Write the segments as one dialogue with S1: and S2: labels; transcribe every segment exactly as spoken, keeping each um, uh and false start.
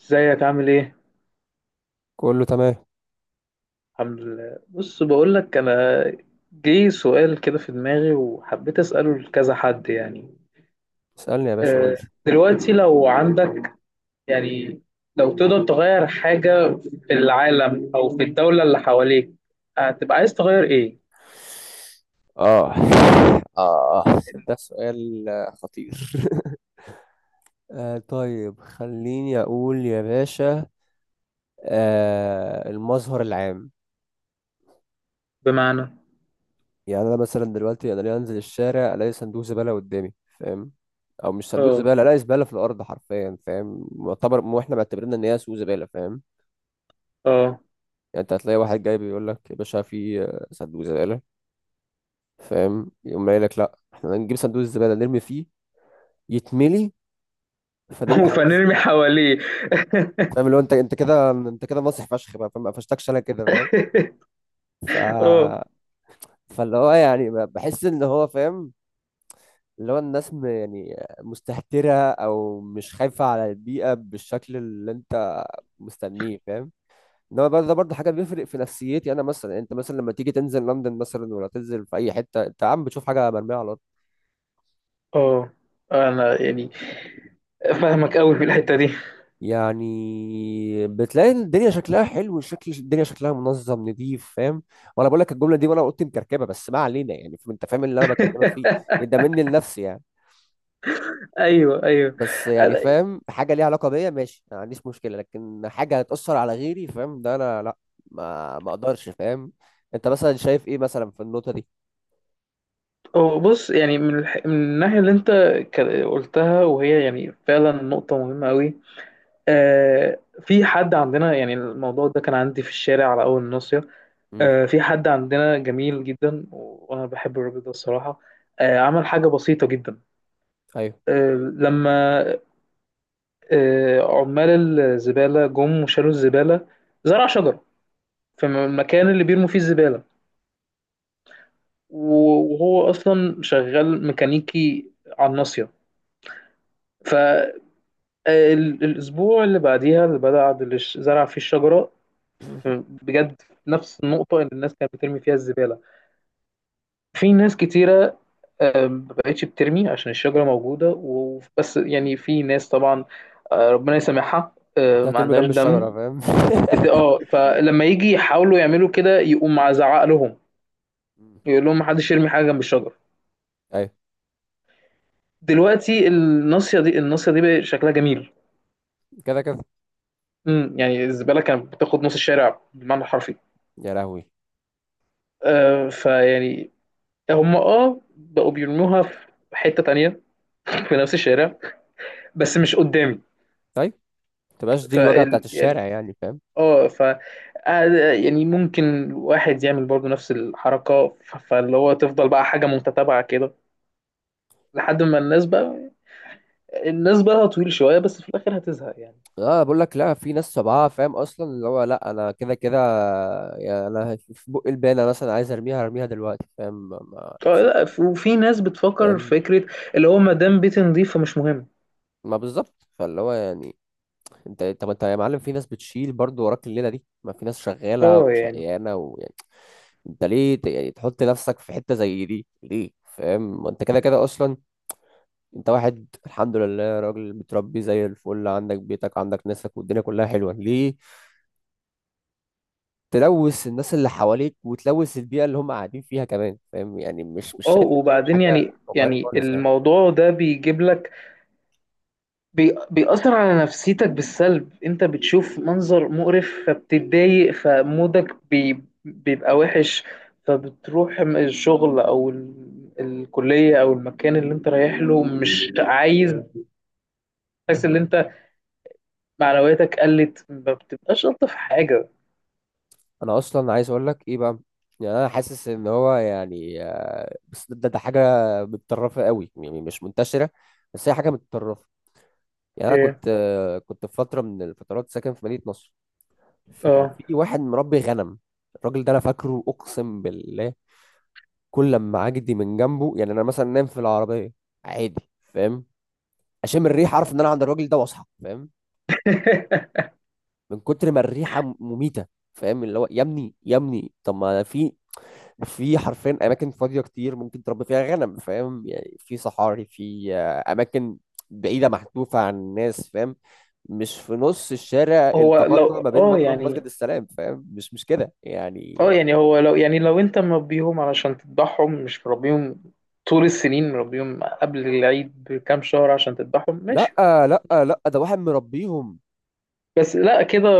S1: ازيك عامل ايه؟
S2: كله تمام.
S1: الحمد لله. بص بقول لك انا جه سؤال كده في دماغي وحبيت اساله لكذا حد، يعني
S2: اسألني يا باشا، قول
S1: آه،
S2: لي.
S1: دلوقتي لو عندك، يعني لو تقدر تغير حاجة في العالم او في الدولة اللي حواليك، هتبقى عايز تغير ايه؟
S2: اه، اه، ده سؤال آه، خطير. آه، طيب خليني أقول يا باشا. آه المظهر العام.
S1: بمعنى؟
S2: يعني أنا مثلا دلوقتي، أنا ليه أنزل الشارع ألاقي صندوق زبالة قدامي؟ فاهم؟ أو مش صندوق
S1: اه
S2: زبالة، ألاقي زبالة في الأرض حرفيا. فاهم؟ معتبر مو إحنا معتبرين إن هي سوق زبالة. فاهم؟
S1: اه.
S2: يعني أنت هتلاقي واحد جاي بيقول لك: يا باشا، في آه، صندوق زبالة. فاهم؟ يقوم قايل لك: لأ، إحنا هنجيب صندوق الزبالة نرمي فيه. يتملي، فنرمي حوالين
S1: وفنرمي
S2: الزبالة.
S1: حواليه.
S2: فاهم؟ اللي هو انت انت كده، انت كده مصري فشخ بقى. فاهم؟ ما قفشتكش انا كده. فاهم؟ ف
S1: اه
S2: فاللي هو يعني ب- بحس ان هو فاهم. اللي هو الناس م... يعني مستهترة او مش خايفة على البيئة بالشكل اللي انت مستنيه. فاهم؟ ان هو برضه، ده برضه حاجة بيفرق في نفسيتي انا مثلا. يعني انت مثلا لما تيجي تنزل لندن مثلا، ولا تنزل في اي حتة، انت عم بتشوف حاجة مرمية على الارض؟
S1: اه، انا يعني فاهمك قوي في الحتة دي.
S2: يعني بتلاقي الدنيا شكلها حلو، شكل الدنيا شكلها منظم نظيف. فاهم؟ وانا بقول لك الجمله دي وانا قلت مكركبه، بس ما علينا يعني. فاهم- انت فاهم اللي انا بكلمك فيه. ده مني لنفسي يعني.
S1: ايوه ايوه.
S2: بس يعني فاهم، حاجه ليها علاقه بيا ماشي ما عنديش مشكله، لكن حاجه هتاثر على غيري، فاهم، ده انا لا. ما ما اقدرش. فاهم؟ انت مثلا شايف ايه مثلا في النقطه دي؟
S1: هو بص، يعني من, الح... من الناحية اللي انت ك- قلتها، وهي يعني فعلا نقطة مهمة قوي. آه، في حد عندنا، يعني الموضوع ده كان عندي في الشارع على أول الناصية.
S2: امم.
S1: آه، في حد عندنا جميل جدا و- وأنا بحب الراجل ده الصراحة. آه، عمل حاجة بسيطة جدا.
S2: ايوه.
S1: آه لما آه عمال الزبالة جم وشالوا الزبالة، زرع شجرة في م- المكان اللي بيرموا فيه الزبالة. و- وهو أصلا شغال ميكانيكي على الناصية. ال- الأسبوع اللي بعديها اللي بدأ عاد اللي ش- زرع فيه الشجرة في- بجد في نفس النقطة اللي الناس كانت بترمي فيها الزبالة. في ناس كتيرة آه، ما بقتش بترمي عشان الشجرة موجودة، وبس يعني في ناس طبعا، آه، ربنا يسامحها، آه،
S2: انت
S1: ما
S2: هترمي
S1: عندهاش
S2: جنب
S1: دم.
S2: الشجره، فاهم.
S1: بت... اه، فلما يجي يحاولوا يعملوا كده يقوم مزعق لهم،
S2: مم.
S1: يقول لهم محدش يرمي حاجة جنب الشجرة.
S2: ايوه،
S1: دلوقتي الناصية دي الناصية دي بقى شكلها جميل.
S2: كده كده.
S1: مم، يعني الزبالة كانت بتاخد نص الشارع بالمعنى الحرفي.
S2: يا لهوي.
S1: آه، فيعني هم اه بقوا بيرموها في حتة تانية في نفس الشارع، بس مش قدامي.
S2: طيب ما تبقاش دي
S1: ف
S2: الواجهه بتاعت
S1: يعني
S2: الشارع، يعني فاهم.
S1: اه ف آه، يعني ممكن واحد يعمل برضو نفس الحركة، ف- فاللي هو تفضل بقى حاجة متتابعة كده لحد ما الناس بقى الناس بقى طويل شوية، بس في الآخر هتزهق يعني.
S2: اه، بقول لك، لا في ناس طبعها، فاهم، اصلا اللي هو: لا انا كده كده. يعني انا في بق البانه مثلا عايز ارميها، هرميها دلوقتي. فاهم؟ ما ما
S1: اه
S2: it's not-
S1: لا، ف- وفي ناس بتفكر في
S2: فاهم؟
S1: فكرة اللي هو ما دام بيتي نظيف فمش مهم.
S2: ما بالظبط. فاللي هو يعني، انت طب انت يا معلم، في ناس بتشيل برضه وراك الليله دي، ما في ناس شغاله
S1: اه، يعني
S2: وشقيانه، ويعني انت ليه ت- يعني تحط نفسك في حته زي دي ليه؟ فاهم؟ ما انت كده كده اصلا. انت واحد الحمد لله، راجل متربي زي الفل، عندك بيتك، عندك ناسك، والدنيا كلها حلوه، ليه تلوث الناس اللي حواليك وتلوث البيئة اللي هم قاعدين فيها كمان؟ فاهم؟ يعني مش مش
S1: اه
S2: شايف ان هي
S1: وبعدين
S2: حاجة
S1: يعني،
S2: واقعية
S1: يعني
S2: خالص يعني.
S1: الموضوع ده بيجيب لك، بي... بيأثر على نفسيتك بالسلب. انت بتشوف منظر مقرف فبتتضايق، فمودك بي... بيبقى وحش، فبتروح م- الشغل او ال... الكلية او المكان اللي انت رايح له مش عايز. تحس ان انت معنوياتك قلت، ما بتبقاش الطف حاجة.
S2: انا اصلا عايز اقول لك ايه بقى؟ يعني انا حاسس ان هو يعني آه، بس ده, ده حاجة متطرفة قوي، يعني مش منتشرة. بس هي حاجة متطرفة. يعني انا
S1: ايه؟
S2: كنت آه، كنت في فترة من الفترات ساكن في مدينة نصر. فكان
S1: اه.
S2: في واحد مربي غنم. الراجل ده انا فاكره، اقسم بالله كل لما اعدي من جنبه، يعني انا مثلا نام في العربية عادي، فاهم، اشم الريح اعرف ان انا عند الراجل ده واصحى. فاهم؟ من كتر ما الريحه مميته. فاهم؟ اللي هو: يا ابني يا ابني طب ما في، في حرفيا اماكن فاضيه كتير ممكن تربي فيها غنم. فاهم؟ يعني في صحاري، في آه، اماكن بعيده محذوفه عن الناس. فاهم؟ مش في نص الشارع،
S1: هو
S2: التقاطع
S1: لو،
S2: ما بين
S1: اه
S2: مكرم
S1: يعني،
S2: ومسجد السلام. فاهم؟ مش مش كده
S1: اه
S2: يعني.
S1: يعني هو لو، يعني لو انت مربيهم علشان تذبحهم، مش مربيهم طول السنين، مربيهم قبل العيد بكام شهر عشان تذبحهم ماشي.
S2: لا، لا، لا، ده واحد مربيهم.
S1: بس لا كده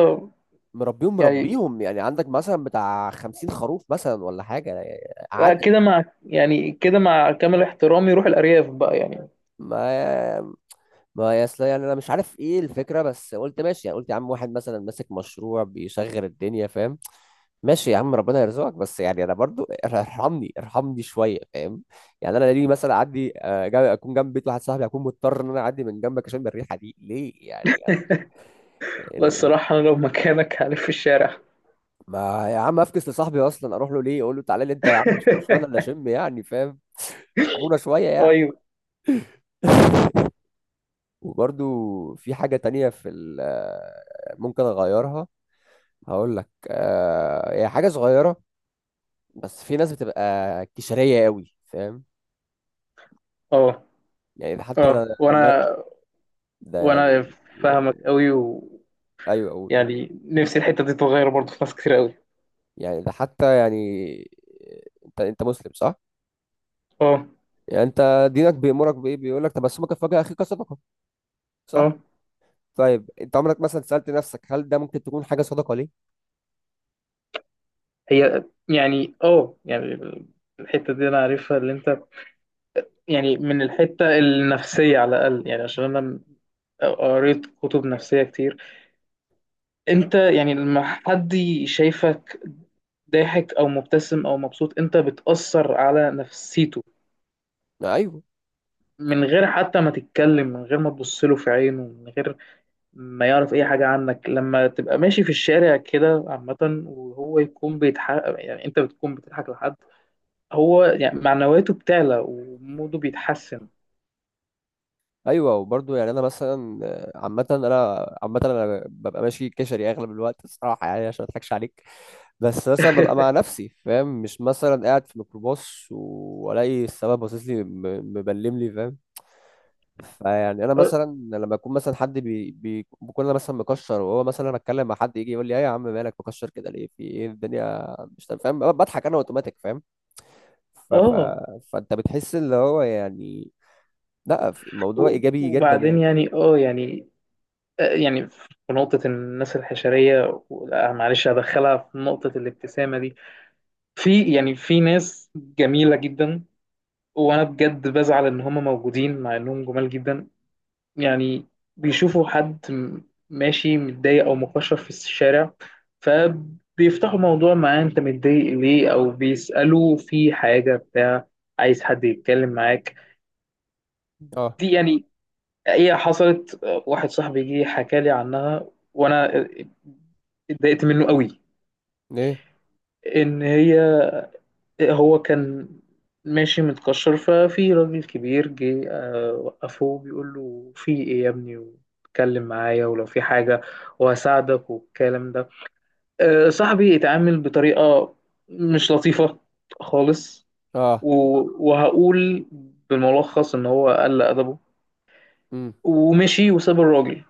S2: مربيهم
S1: يعني،
S2: مربيهم، يعني عندك مثلا بتاع خمسين خروف مثلا ولا حاجة،
S1: لا
S2: عدد.
S1: كده مع، يعني كده مع كامل احترامي روح الأرياف بقى يعني.
S2: ما ما يا اصل، يعني انا مش عارف ايه الفكره، بس قلت ماشي، يعني قلت يا عم، واحد مثلا ماسك مشروع بيشغل الدنيا. فاهم؟ ماشي يا عم ربنا يرزقك، بس يعني انا برضو ار- ارحمني ارحمني شويه. فاهم؟ يعني انا ليه مثلا اعدي آه، جا- اكون جنب بيت واحد صاحبي، اكون مضطر ان انا اعدي من جنبك عشان الريحه دي، ليه يعني؟
S1: لا
S2: يعني ال- ال-
S1: الصراحة أنا لو مكانك هلف في الشارع.
S2: ما يا عم افكس لصاحبي اصلا اروح له ليه؟ اقول له تعالى لي انت يا عم، مش كل شويه انا اللي اشم يعني، فاهم. ارحمونا شويه يعني.
S1: أيوه.
S2: وبرضو في حاجه تانية في ال- آه، ممكن اغيرها. هقول لك، آه هي حاجة صغيرة، بس في ناس بتبقى كشرية قوي. فاهم؟
S1: أه
S2: يعني ده حتى
S1: أه،
S2: ده ده, ده,
S1: وأنا
S2: ده
S1: وأنا
S2: يعني،
S1: فاهمك أوي، ويعني
S2: ايوه، قول قول.
S1: نفسي الحتة دي تتغير برضه في ناس كتير أوي.
S2: يعني ده حتى يعني، انت انت مسلم صح؟
S1: أه
S2: يعني انت دينك بيأمرك بايه؟ بيقول لك تبسمك في وجه اخيك صدقة، صح؟
S1: أه،
S2: طيب انت عمرك مثلا سألت نفسك هل ده ممكن تكون حاجة صدقة ليه؟
S1: هي يعني أه يعني الحتة دي أنا عارفها اللي أنت، يعني من الحتة النفسية على الأقل، يعني عشان أنا قريت كتب نفسية كتير. انت يعني لما حد شايفك ضاحك او مبتسم او مبسوط انت بتأثر على نفسيته،
S2: ايوه،
S1: من غير حتى ما تتكلم، من غير ما تبص له في عينه، من غير ما يعرف اي حاجة عنك. لما تبقى ماشي في الشارع كده عامة وهو يكون بيضحك، يعني انت بتكون بتضحك لحد، هو يعني معنوياته بتعلى وموده بيتحسن.
S2: ايوه. وبرضه يعني انا مثلا آه، عامة انا، عامة انا ببقى ماشي كشري اغلب الوقت الصراحة، يعني عشان ما اضحكش عليك. بس مثلا ببقى مع نفسي، فاهم، مش مثلا قاعد في ميكروباص والاقي السواق باصص لي م- مبلم لي. فاهم؟ فيعني انا
S1: اه.
S2: مثلا لما يكون مثلا حد بي بي- بكون انا مثلا مكشر، وهو مثلا، انا اتكلم مع حد يجي يقول لي: ايه يا عم مالك مكشر كده ليه، في ايه الدنيا مش تمام؟ فاهم؟ بضحك انا اوتوماتيك. فاهم؟ ف ف
S1: آه.
S2: فانت بتحس اللي هو يعني لا، في- الموضوع
S1: و-
S2: ايجابي جدا
S1: وبعدين
S2: يعني.
S1: يعني اه يعني، يعني في نقطة الناس الحشرية. لا، معلش هدخلها في نقطة الابتسامة دي. في يعني في ناس جميلة جدا وأنا بجد بزعل إن هم موجودين مع إنهم جمال جدا. يعني بيشوفوا حد م- ماشي متضايق أو مكشر في الشارع فبيفتحوا موضوع معاه: أنت متضايق ليه؟ أو بيسألوا في حاجة بتاع، عايز حد يتكلم معاك.
S2: اه.
S1: دي يعني هي حصلت. واحد صاحبي جه حكى لي عنها وانا اتضايقت منه قوي.
S2: ايه؟
S1: ان هي، هو كان ماشي متكشر، ففي راجل كبير جه آه، وقفه بيقول له: في ايه يا ابني؟ واتكلم معايا ولو في حاجة وهساعدك والكلام ده. آه، صاحبي اتعامل بطريقة مش لطيفة خالص.
S2: اه.
S1: و- وهقول بالملخص ان هو قل ادبه
S2: امم.
S1: ومشي وساب الراجل.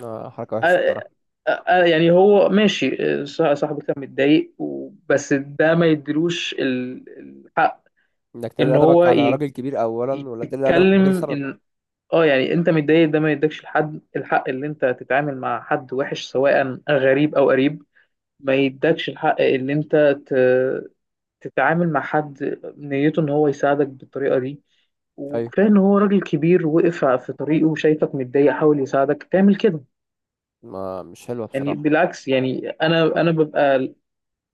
S2: آه، حركه وحشه
S1: آه،
S2: بصراحه.
S1: آه، آه، يعني هو ماشي، آه، صاح- صاحبك كان متضايق و- بس ده ما يديلوش ال- الحق
S2: انك تقل
S1: ان
S2: ادبك
S1: هو
S2: على
S1: ي-
S2: راجل كبير اولا، ولا تقل ادبك من غير
S1: يتكلم
S2: سبب.
S1: ان، اه يعني انت متضايق ده ما يدكش الحد الحق اللي انت تتعامل مع حد وحش، سواء غريب او قريب. ما يدكش الحق اللي انت ت- تتعامل مع حد نيته ان هو يساعدك بالطريقة دي.
S2: ايوه،
S1: وكفاية ان هو راجل كبير وقف في طريقه وشايفك متضايق حاول يساعدك تعمل كده.
S2: ما مش حلوه
S1: يعني
S2: بصراحه.
S1: بالعكس، يعني انا انا ببقى،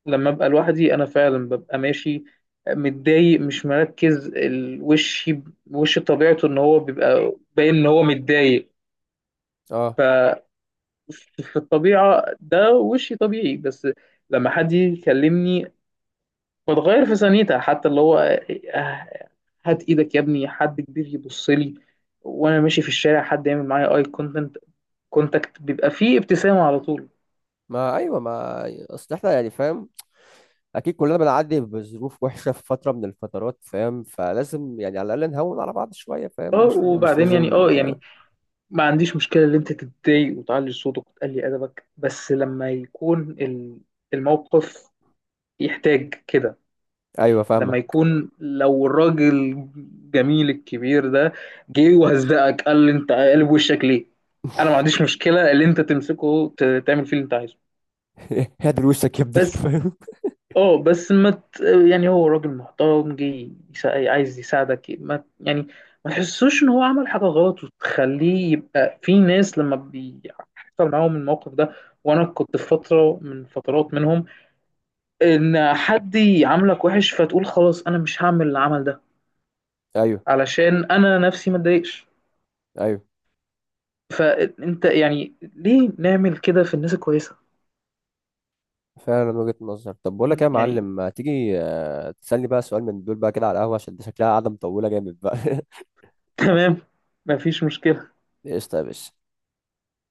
S1: لما ابقى لوحدي انا فعلا ببقى ماشي متضايق، مش مركز الوش، وش طبيعته ان هو بيبقى باين ان هو متضايق. ف
S2: اه،
S1: في الطبيعة ده وشي طبيعي. بس لما حد يجي يكلمني بتغير في ثانيتها، حتى اللي هو آه، هات ايدك يا ابني، حد كبير يبص لي وانا ماشي في الشارع، حد يعمل معايا اي كونتنت كونتاكت بيبقى فيه ابتسامة على طول.
S2: ما ايوه، ما اصل احنا يعني، فاهم، اكيد كلنا بنعدي بظروف وحشه في فتره من الفترات، فاهم، فلازم يعني على الاقل نهون على بعض شويه. فاهم؟
S1: اه
S2: مش مش
S1: وبعدين يعني
S2: لازم.
S1: اه يعني ما عنديش مشكلة إن أنت تتضايق وتعلي صوتك وتقلي أدبك، بس لما يكون ال- الموقف يحتاج كده.
S2: ايوه، فاهمه.
S1: لما يكون، لو الراجل الجميل الكبير ده جه وهزقك قال لي: أنت قلب وشك ليه؟ أنا ما عنديش مشكلة اللي أنت تمسكه ت- تعمل فيه اللي أنت عايزه.
S2: هدر وشك يا ابني،
S1: بس
S2: فاهم.
S1: اه، بس ما ت... يعني هو راجل محترم جه يسا... عايز يساعدك، ما ت- يعني ما تحسوش ان هو عمل حاجه غلط، وتخليه يبقى في ناس لما بيحصل معاهم الموقف ده، وانا كنت في فتره من فترات منهم، ان حد يعاملك وحش فتقول خلاص انا مش هعمل العمل ده
S2: ايوه،
S1: علشان انا نفسي ما اتضايقش.
S2: ايوه.
S1: فانت يعني ليه نعمل كده في الناس الكويسه؟
S2: فعلا، من وجهه نظر. طب بقول لك إيه يا
S1: يعني.
S2: معلم، ما تيجي آه، تسالني بقى سؤال من دول بقى كده على القهوه، عشان دي شكلها قاعده مطوله جامد بقى.
S1: تمام، مفيش مشكله.
S2: قشطه يا باشا.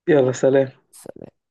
S1: يلا سلام.
S2: سلام.